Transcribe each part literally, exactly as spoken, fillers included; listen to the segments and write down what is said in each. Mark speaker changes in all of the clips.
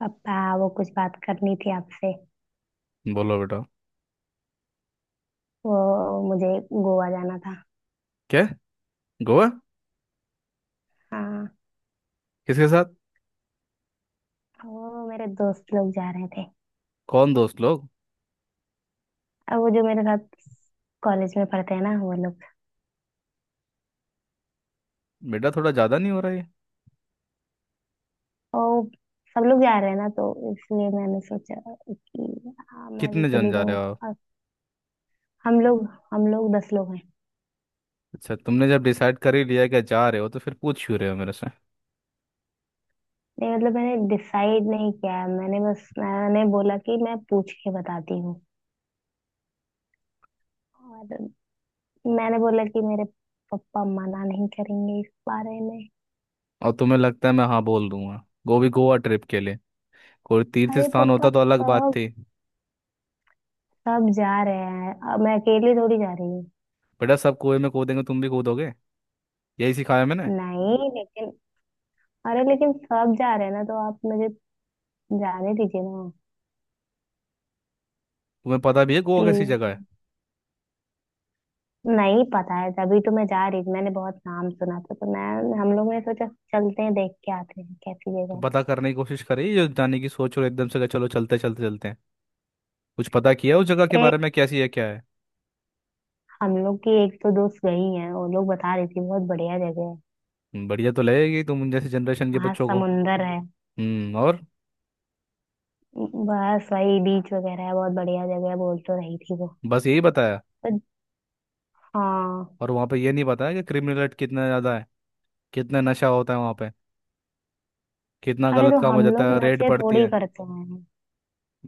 Speaker 1: पापा, वो कुछ बात करनी थी आपसे।
Speaker 2: बोलो बेटा।
Speaker 1: वो, मुझे गोवा जाना था।
Speaker 2: क्या? गोवा?
Speaker 1: हाँ।
Speaker 2: किसके साथ?
Speaker 1: वो, मेरे दोस्त लोग जा रहे थे।
Speaker 2: कौन दोस्त लोग?
Speaker 1: अब वो जो मेरे साथ कॉलेज में पढ़ते हैं ना, वो लोग।
Speaker 2: बेटा थोड़ा ज्यादा नहीं हो रहा है?
Speaker 1: वो, सब लोग जा रहे हैं ना तो इसलिए मैंने सोचा कि हाँ, मैं भी
Speaker 2: कितने जन
Speaker 1: चली
Speaker 2: जा रहे
Speaker 1: जाऊँ।
Speaker 2: हो आप?
Speaker 1: और हम लोग हम लोग दस लोग हैं।
Speaker 2: अच्छा, तुमने जब डिसाइड कर ही लिया कि जा रहे हो तो फिर पूछ क्यों रहे हो मेरे से?
Speaker 1: नहीं, मतलब मैंने डिसाइड नहीं किया है, मैंने बस मैंने बोला कि मैं पूछ के बताती हूँ। और मैंने बोला कि मेरे पापा मना नहीं करेंगे इस बारे में।
Speaker 2: और तुम्हें लगता है मैं हाँ बोल दूंगा वो भी गोवा ट्रिप के लिए? कोई तीर्थ
Speaker 1: अरे
Speaker 2: स्थान
Speaker 1: पापा,
Speaker 2: होता तो अलग बात
Speaker 1: सब
Speaker 2: थी।
Speaker 1: सब जा रहे हैं, अब मैं अकेली थोड़ी जा रही हूँ।
Speaker 2: बेटा, सब कुएं में कूदेंगे तुम भी कूदोगे? यही सिखाया मैंने?
Speaker 1: नहीं, लेकिन अरे लेकिन सब जा रहे हैं ना, तो आप मुझे जाने दीजिए ना।
Speaker 2: तुम्हें पता भी है गोवा कैसी जगह है?
Speaker 1: प्लीज। नहीं, पता है, तभी तो मैं जा रही थी। मैंने बहुत नाम सुना था तो मैं हम लोग ने सोचा, चलते हैं, देख के आते हैं कैसी
Speaker 2: तो
Speaker 1: जगह।
Speaker 2: पता करने की कोशिश करी जो जाने की सोच, और एकदम से कहा, चलो चलते चलते चलते हैं। कुछ पता किया उस जगह के
Speaker 1: है
Speaker 2: बारे
Speaker 1: एक
Speaker 2: में, कैसी है क्या है?
Speaker 1: हम लोग की एक तो दोस्त गई है, वो लोग बता रही थी बहुत बढ़िया जगह है।
Speaker 2: हम्म, बढ़िया तो लगेगी तुम जैसे जनरेशन के
Speaker 1: वहाँ
Speaker 2: बच्चों को।
Speaker 1: समुंदर है।
Speaker 2: हम्म और?
Speaker 1: बस वही बीच वगैरह है, बहुत बढ़िया जगह है, बोल तो रही थी वो।
Speaker 2: बस यही बताया?
Speaker 1: तो हाँ।
Speaker 2: और वहाँ पे ये नहीं बताया कि क्रिमिनल रेट कितना ज़्यादा है, कितना नशा होता है वहाँ पे, कितना
Speaker 1: अरे
Speaker 2: गलत
Speaker 1: तो
Speaker 2: काम हो
Speaker 1: हम
Speaker 2: जाता
Speaker 1: लोग
Speaker 2: है, रेड
Speaker 1: नशे
Speaker 2: पड़ती
Speaker 1: थोड़ी
Speaker 2: है।
Speaker 1: करते हैं।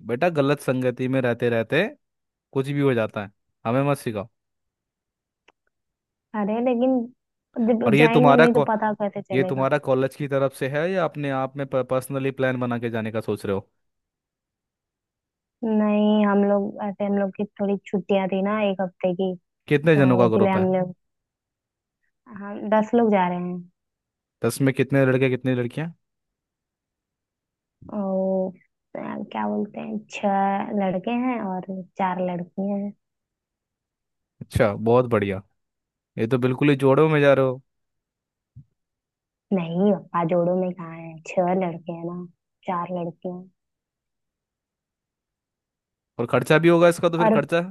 Speaker 2: बेटा, गलत संगति में रहते रहते कुछ भी हो जाता है। हमें मत सिखाओ।
Speaker 1: अरे लेकिन जब
Speaker 2: और ये
Speaker 1: जाएंगे
Speaker 2: तुम्हारा
Speaker 1: नहीं तो
Speaker 2: को,
Speaker 1: पता कैसे
Speaker 2: ये
Speaker 1: चलेगा?
Speaker 2: तुम्हारा कॉलेज की तरफ से है या अपने आप में पर्सनली प्लान बना के जाने का सोच रहे हो?
Speaker 1: नहीं, हम लोग ऐसे हम लोग की थोड़ी छुट्टियां थी ना, एक हफ्ते की।
Speaker 2: कितने जनों का
Speaker 1: तो इसलिए
Speaker 2: ग्रुप
Speaker 1: हम
Speaker 2: है?
Speaker 1: लोग हम दस लोग जा रहे हैं।
Speaker 2: दस में कितने लड़के, कितनी लड़कियां?
Speaker 1: और अ, क्या बोलते हैं, छह लड़के हैं और चार लड़कियां हैं।
Speaker 2: अच्छा, बहुत बढ़िया। ये तो बिल्कुल ही जोड़ों में जा रहे हो।
Speaker 1: नहीं पापा, जोड़ों में कहाँ है, छह लड़के हैं ना, चार लड़कियां हैं।
Speaker 2: और खर्चा भी होगा इसका, तो फिर
Speaker 1: और
Speaker 2: खर्चा?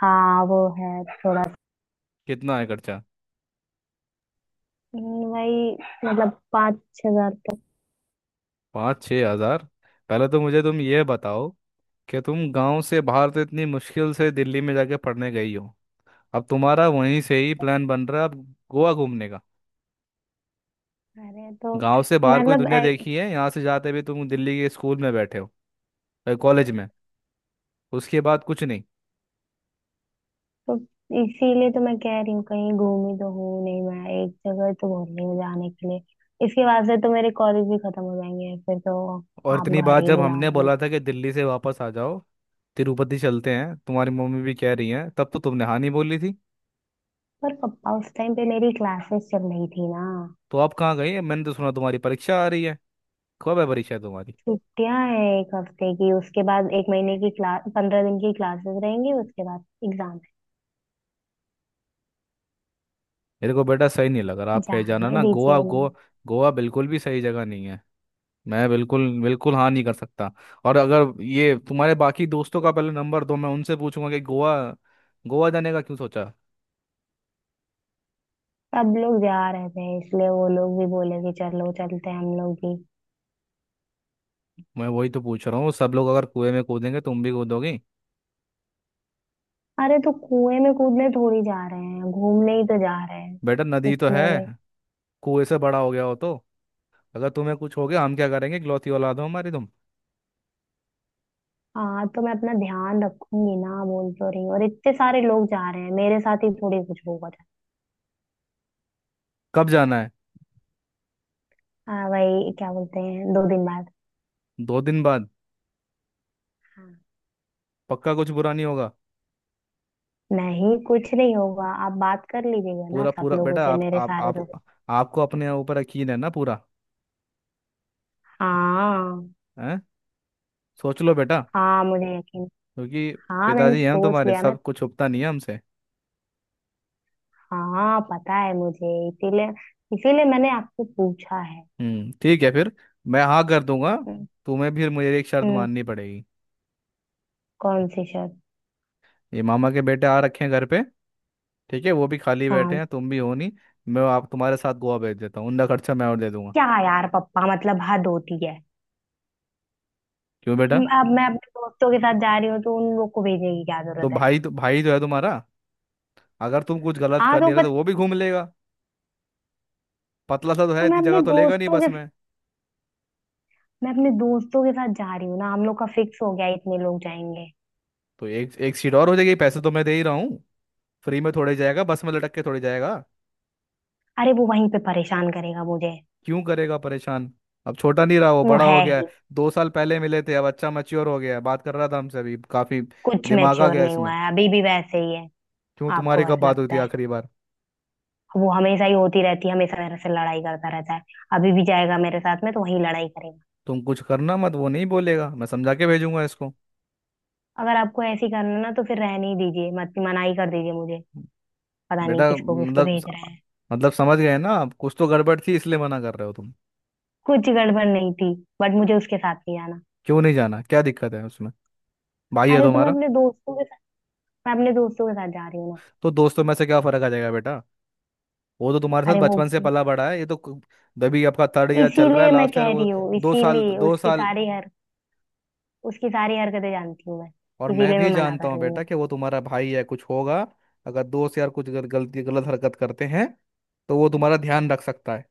Speaker 1: हाँ, वो है थोड़ा।
Speaker 2: कितना है खर्चा?
Speaker 1: हम्म, वही, मतलब पाँच छह हजार तक।
Speaker 2: पाँच छः हज़ार? पहले तो मुझे तुम ये बताओ, कि तुम गांव से बाहर तो इतनी मुश्किल से दिल्ली में जाके पढ़ने गई हो। अब तुम्हारा वहीं से ही प्लान बन रहा है अब गोवा घूमने का?
Speaker 1: अरे तो
Speaker 2: गांव से बाहर कोई
Speaker 1: मतलब,
Speaker 2: दुनिया देखी है? यहाँ से जाते हुए तुम दिल्ली के स्कूल में बैठे हो, कॉलेज में, उसके बाद कुछ नहीं।
Speaker 1: तो इसीलिए तो मैं कह रही हूँ, कहीं घूमी तो हूँ नहीं, मैं एक जगह तो बोल रही हूँ जाने के लिए। इसके बाद से तो मेरे कॉलेज भी खत्म हो जाएंगे, फिर तो
Speaker 2: और
Speaker 1: आप
Speaker 2: इतनी
Speaker 1: घर
Speaker 2: बात
Speaker 1: ही
Speaker 2: जब
Speaker 1: बुला
Speaker 2: हमने बोला
Speaker 1: लेंगे।
Speaker 2: था कि दिल्ली से वापस आ जाओ, तिरुपति चलते हैं, तुम्हारी मम्मी भी कह रही है, तब तो तुमने हाँ नहीं बोली थी।
Speaker 1: पर पापा, उस टाइम पे मेरी क्लासेस चल रही थी ना।
Speaker 2: तो आप कहाँ गई? मैंने तो सुना तुम्हारी परीक्षा आ रही है। कब है परीक्षा तुम्हारी?
Speaker 1: छुट्टियां हैं एक हफ्ते की, उसके बाद एक महीने की क्लास, पंद्रह दिन की क्लासेस रहेंगी, उसके बाद एग्जाम है।
Speaker 2: मेरे को बेटा सही नहीं लग रहा, आप कहे जाना
Speaker 1: जाने
Speaker 2: ना, गोवा
Speaker 1: दीजिए ना।
Speaker 2: गोवा। गोवा बिल्कुल भी सही जगह नहीं है। मैं बिल्कुल बिल्कुल हाँ नहीं कर सकता। और अगर ये तुम्हारे बाकी दोस्तों का पहले नंबर दो, मैं उनसे पूछूंगा कि गोवा गोवा जाने का क्यों सोचा।
Speaker 1: सब लोग जा रहे थे इसलिए वो लोग भी बोले कि चलो चलते हैं हम लोग भी।
Speaker 2: मैं वही तो पूछ रहा हूँ, सब लोग अगर कुएं में कूदेंगे तुम भी कूदोगी?
Speaker 1: अरे तो कुएं में कूदने थोड़ी जा रहे हैं, घूमने ही तो जा रहे हैं।
Speaker 2: बेटा, नदी तो है,
Speaker 1: उसमें भी।
Speaker 2: कुएं से बड़ा हो गया हो तो? अगर तुम्हें कुछ हो गया हम क्या करेंगे, इकलौती औलाद हो हमारी तुम।
Speaker 1: हाँ तो मैं अपना ध्यान रखूंगी ना, बोल तो रही हूँ, और इतने सारे लोग जा रहे हैं, मेरे साथ ही थोड़ी कुछ होगा था।
Speaker 2: कब जाना है?
Speaker 1: हाँ भाई, क्या बोलते हैं, दो दिन बाद।
Speaker 2: दो दिन बाद?
Speaker 1: हाँ।
Speaker 2: पक्का कुछ बुरा नहीं होगा?
Speaker 1: नहीं, कुछ नहीं होगा, आप बात कर लीजिएगा ना
Speaker 2: पूरा
Speaker 1: सब
Speaker 2: पूरा
Speaker 1: लोगों
Speaker 2: बेटा,
Speaker 1: से,
Speaker 2: आप
Speaker 1: मेरे
Speaker 2: आप
Speaker 1: सारे
Speaker 2: आप
Speaker 1: दोस्त।
Speaker 2: आपको अपने ऊपर यकीन है ना पूरा?
Speaker 1: हाँ।
Speaker 2: हैं? सोच लो बेटा।
Speaker 1: हाँ, मुझे यकीन।
Speaker 2: क्योंकि
Speaker 1: हाँ, मैंने
Speaker 2: पिताजी हैं हम
Speaker 1: सोच
Speaker 2: तुम्हारे,
Speaker 1: लिया मैं।
Speaker 2: सब कुछ छुपता नहीं है हमसे।
Speaker 1: हाँ, पता है मुझे, इसीलिए इसीलिए मैंने आपको पूछा है।
Speaker 2: हम्म, ठीक है फिर, मैं हाँ कर दूंगा।
Speaker 1: हम्म।
Speaker 2: तुम्हें भी मुझे एक शर्त
Speaker 1: हम्म,
Speaker 2: माननी पड़ेगी।
Speaker 1: कौन सी शर्त?
Speaker 2: ये मामा के बेटे आ रखे हैं घर पे, ठीक है, वो भी खाली बैठे
Speaker 1: हाँ।
Speaker 2: हैं, तुम भी हो नहीं। मैं आप तुम्हारे साथ गोवा भेज देता हूँ, उनका खर्चा मैं और दे दूंगा।
Speaker 1: क्या यार पप्पा, मतलब हद होती है।
Speaker 2: क्यों बेटा?
Speaker 1: म- अब मैं अपने दोस्तों के साथ जा रही हूँ तो उन लोग को भेजने की क्या
Speaker 2: तो
Speaker 1: जरूरत है?
Speaker 2: भाई तो भाई जो है तुम्हारा, अगर तुम कुछ गलत
Speaker 1: हाँ
Speaker 2: कर
Speaker 1: तो
Speaker 2: नहीं रहे
Speaker 1: बट,
Speaker 2: तो वो भी घूम लेगा। पतला सा तो है,
Speaker 1: तो मैं
Speaker 2: इतनी
Speaker 1: अपने
Speaker 2: जगह तो लेगा नहीं
Speaker 1: दोस्तों के
Speaker 2: बस में।
Speaker 1: मैं अपने दोस्तों के साथ जा रही हूँ ना, हम लोग का फिक्स हो गया है, इतने लोग जाएंगे।
Speaker 2: तो एक एक सीट और हो जाएगी, पैसे तो मैं दे ही रहा हूँ। फ्री में थोड़े जाएगा, बस में लटक के थोड़ी जाएगा।
Speaker 1: अरे वो वहीं पे परेशान करेगा मुझे।
Speaker 2: क्यों करेगा परेशान? अब छोटा नहीं रहा, वो
Speaker 1: वो
Speaker 2: बड़ा
Speaker 1: है
Speaker 2: हो गया है।
Speaker 1: ही।
Speaker 2: दो साल पहले मिले थे, अब अच्छा मैच्योर हो गया है, बात कर रहा था हमसे अभी काफी,
Speaker 1: कुछ
Speaker 2: दिमाग आ
Speaker 1: मैच्योर
Speaker 2: गया
Speaker 1: नहीं हुआ
Speaker 2: इसमें।
Speaker 1: है, अभी भी वैसे ही है।
Speaker 2: क्यों,
Speaker 1: आपको
Speaker 2: तुम्हारी
Speaker 1: बस
Speaker 2: कब बात हुई
Speaker 1: लगता
Speaker 2: थी
Speaker 1: है,
Speaker 2: आखिरी बार?
Speaker 1: वो हमेशा ही होती रहती है, हमेशा मेरे से लड़ाई करता रहता है। अभी भी जाएगा मेरे साथ में तो वहीं लड़ाई करेगा।
Speaker 2: तुम कुछ करना मत, वो नहीं बोलेगा, मैं समझा के भेजूंगा इसको।
Speaker 1: अगर आपको ऐसे ही करना ना तो फिर रहने ही दीजिए, मत, मना ही कर दीजिए मुझे। पता नहीं
Speaker 2: बेटा,
Speaker 1: किसको किसको
Speaker 2: मतलब
Speaker 1: भेज रहे हैं।
Speaker 2: मतलब समझ गए ना आप, कुछ तो गड़बड़ थी इसलिए मना कर रहे हो तुम।
Speaker 1: कुछ गड़बड़ नहीं थी। बट मुझे उसके साथ नहीं जाना।
Speaker 2: क्यों नहीं जाना, क्या दिक्कत है उसमें? भाई है
Speaker 1: अरे तो मैं
Speaker 2: तुम्हारा।
Speaker 1: अपने दोस्तों के साथ मैं अपने दोस्तों के साथ जा रही हूँ ना।
Speaker 2: तो दोस्तों में से क्या फर्क आ जाएगा बेटा, वो तो तुम्हारे साथ
Speaker 1: अरे वो,
Speaker 2: बचपन से पला बड़ा है। ये तो कु- अभी आपका थर्ड ईयर चल रहा है,
Speaker 1: इसीलिए मैं
Speaker 2: लास्ट ईयर
Speaker 1: कह
Speaker 2: वो,
Speaker 1: रही हूँ,
Speaker 2: दो साल
Speaker 1: इसीलिए
Speaker 2: दो
Speaker 1: उसकी
Speaker 2: साल।
Speaker 1: सारी हर उसकी सारी हरकतें जानती हूँ मैं।
Speaker 2: और मैं
Speaker 1: इसीलिए
Speaker 2: भी
Speaker 1: मैं मना
Speaker 2: जानता
Speaker 1: कर
Speaker 2: हूँ
Speaker 1: रही हूँ।
Speaker 2: बेटा कि वो तुम्हारा भाई है, कुछ होगा अगर दोस्त यार कुछ गल- गलती, गलत हरकत करते हैं, तो वो तुम्हारा ध्यान रख सकता है।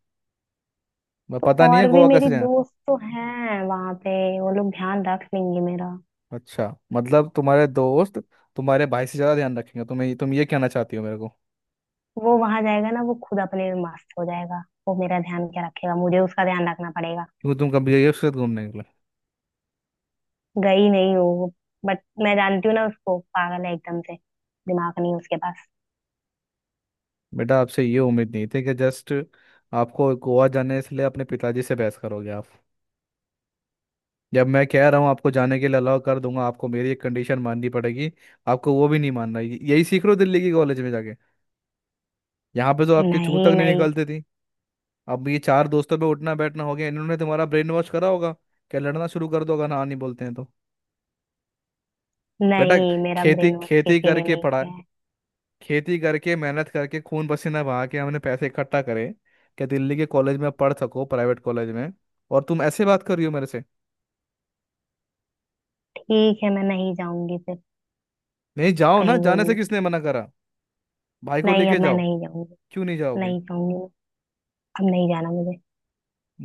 Speaker 2: मैं
Speaker 1: तो
Speaker 2: पता नहीं है
Speaker 1: और भी
Speaker 2: गोवा
Speaker 1: मेरी
Speaker 2: कैसे जाए।
Speaker 1: दोस्त तो हैं वहां पे, वो लोग ध्यान रख लेंगे मेरा।
Speaker 2: अच्छा, मतलब तुम्हारे दोस्त तुम्हारे भाई से ज़्यादा ध्यान रखेंगे तुम्हें, तुम ये कहना चाहती हो मेरे को?
Speaker 1: वो वहां जाएगा ना, वो खुद अपने में मस्त हो जाएगा, वो मेरा ध्यान क्या रखेगा, मुझे उसका ध्यान रखना पड़ेगा।
Speaker 2: क्योंकि तुम कभी गई हो उसके साथ घूमने निकले?
Speaker 1: गई नहीं हो। बट मैं जानती हूँ ना उसको, पागल है एकदम से। दिमाग नहीं उसके पास।
Speaker 2: बेटा, आपसे ये उम्मीद नहीं थी कि जस्ट आपको गोवा जाने इसलिए अपने पिताजी से बहस करोगे आप। जब मैं कह रहा हूँ आपको जाने के लिए अलाउ कर दूंगा, आपको मेरी एक कंडीशन माननी पड़ेगी, आपको वो भी नहीं मानना? यही सीख रहे हो दिल्ली की कॉलेज में जाके? यहाँ पे तो आपके चूं तक
Speaker 1: नहीं,
Speaker 2: नहीं
Speaker 1: मैं।
Speaker 2: निकलती थी, अब ये चार दोस्तों पे उठना बैठना हो गया, इन्होंने तुम्हारा ब्रेन वॉश करा होगा क्या, लड़ना शुरू कर दो अगर ना नहीं बोलते हैं तो? बेटा,
Speaker 1: नहीं, मेरा
Speaker 2: खेती
Speaker 1: ब्रेन वॉश
Speaker 2: खेती
Speaker 1: किसी ने
Speaker 2: करके
Speaker 1: नहीं
Speaker 2: पढ़ा,
Speaker 1: किया है।
Speaker 2: खेती करके मेहनत करके खून पसीना बहा के हमने पैसे इकट्ठा करे क्या दिल्ली के कॉलेज में पढ़ सको, प्राइवेट कॉलेज में, और तुम ऐसे बात कर रही हो मेरे से।
Speaker 1: ठीक है, मैं नहीं जाऊंगी फिर।
Speaker 2: नहीं, जाओ, ना
Speaker 1: कहीं
Speaker 2: जाने से
Speaker 1: घूमने।
Speaker 2: किसने मना करा? भाई को
Speaker 1: नहीं, अब
Speaker 2: लेके
Speaker 1: मैं
Speaker 2: जाओ।
Speaker 1: नहीं जाऊंगी।
Speaker 2: क्यों नहीं जाओगे?
Speaker 1: नहीं जाऊंगी मैं। अब नहीं जाना मुझे।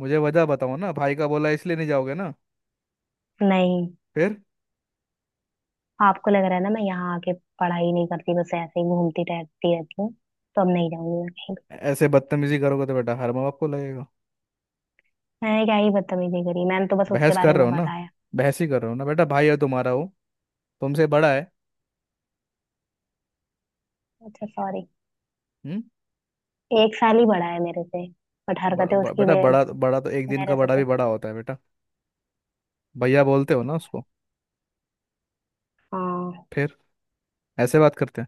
Speaker 2: मुझे वजह बताओ ना, भाई का बोला इसलिए नहीं जाओगे ना?
Speaker 1: नहीं।
Speaker 2: फिर?
Speaker 1: आपको लग रहा है ना, मैं यहाँ आके पढ़ाई नहीं करती, बस ऐसे ही घूमती टहलती रहती हूँ। तो अब नहीं जाऊंगी मैं कहीं भी।
Speaker 2: ऐसे बदतमीजी करोगे तो बेटा हर माँ बाप को लगेगा।
Speaker 1: मैंने क्या ही बदतमीजी करी, मैंने तो बस उसके
Speaker 2: बहस
Speaker 1: बारे
Speaker 2: कर रहे
Speaker 1: में
Speaker 2: हो ना,
Speaker 1: बताया।
Speaker 2: बहस ही कर रहे हो ना बेटा, भाई है तुम्हारा वो, तुमसे बड़ा है।
Speaker 1: अच्छा, सॉरी।
Speaker 2: हम्म।
Speaker 1: एक साल ही बड़ा है मेरे से। बट
Speaker 2: बड़ा
Speaker 1: हरकतें
Speaker 2: ब-
Speaker 1: उसकी
Speaker 2: बेटा,
Speaker 1: मेरे।
Speaker 2: बड़ा बड़ा तो एक दिन
Speaker 1: मेरे
Speaker 2: का
Speaker 1: से
Speaker 2: बड़ा भी
Speaker 1: तो।
Speaker 2: बड़ा होता है बेटा। भैया बोलते हो ना उसको?
Speaker 1: हाँ।
Speaker 2: फिर? ऐसे बात करते हैं?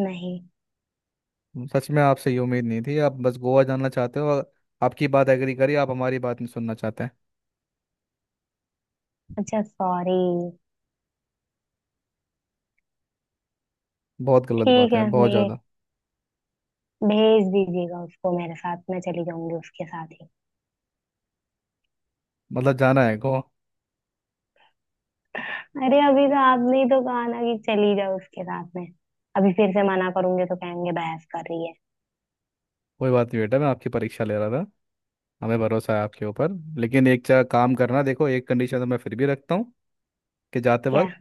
Speaker 1: नहीं।
Speaker 2: हम्म, सच में आपसे ये उम्मीद नहीं थी, आप बस गोवा जाना चाहते हो और आपकी बात एग्री करी, आप हमारी बात नहीं सुनना चाहते हैं।
Speaker 1: अच्छा, सॉरी।
Speaker 2: बहुत गलत
Speaker 1: ठीक
Speaker 2: बात है,
Speaker 1: है,
Speaker 2: बहुत
Speaker 1: मैं,
Speaker 2: ज़्यादा।
Speaker 1: भेज दीजिएगा उसको मेरे साथ, मैं चली जाऊंगी उसके साथ ही।
Speaker 2: मतलब जाना है गोवा?
Speaker 1: अरे अभी तो आपने ही तो कहा ना कि चली जाओ उसके साथ में। अभी फिर से मना करूंगी तो कहेंगे बहस कर रही है।
Speaker 2: कोई बात नहीं बेटा, मैं आपकी परीक्षा ले रहा था। हमें भरोसा है आपके ऊपर। लेकिन एक चा काम करना, देखो, एक कंडीशन तो मैं फिर भी रखता हूँ, कि जाते
Speaker 1: क्या?
Speaker 2: वक्त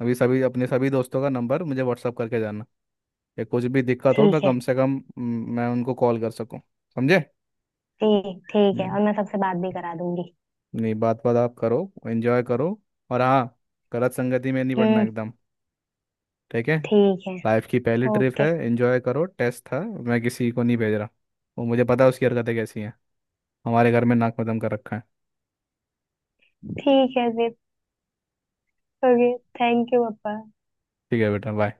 Speaker 2: अभी सभी अपने सभी दोस्तों का नंबर मुझे व्हाट्सअप करके जाना, या कुछ भी दिक्कत हो मैं
Speaker 1: ठीक है,
Speaker 2: कम से कम हम्म, मैं उनको कॉल कर सकूं। समझे?
Speaker 1: ठीक ठीक है,
Speaker 2: हम्म,
Speaker 1: और मैं सबसे बात भी करा दूंगी।
Speaker 2: नहीं, बात बात आप करो, एंजॉय करो। और हाँ, गलत संगति में नहीं पड़ना
Speaker 1: हम्म।
Speaker 2: एकदम। ठीक है।
Speaker 1: ठीक है।
Speaker 2: लाइफ की पहली ट्रिप है,
Speaker 1: ओके।
Speaker 2: एंजॉय करो, टेस्ट था, मैं किसी को नहीं भेज रहा। वो मुझे पता है उसकी हरकतें कैसी हैं, हमारे घर में नाक मदम कर रखा है।
Speaker 1: ठीक है फिर, ओके, थैंक यू पापा।
Speaker 2: ठीक है बेटा, बाय।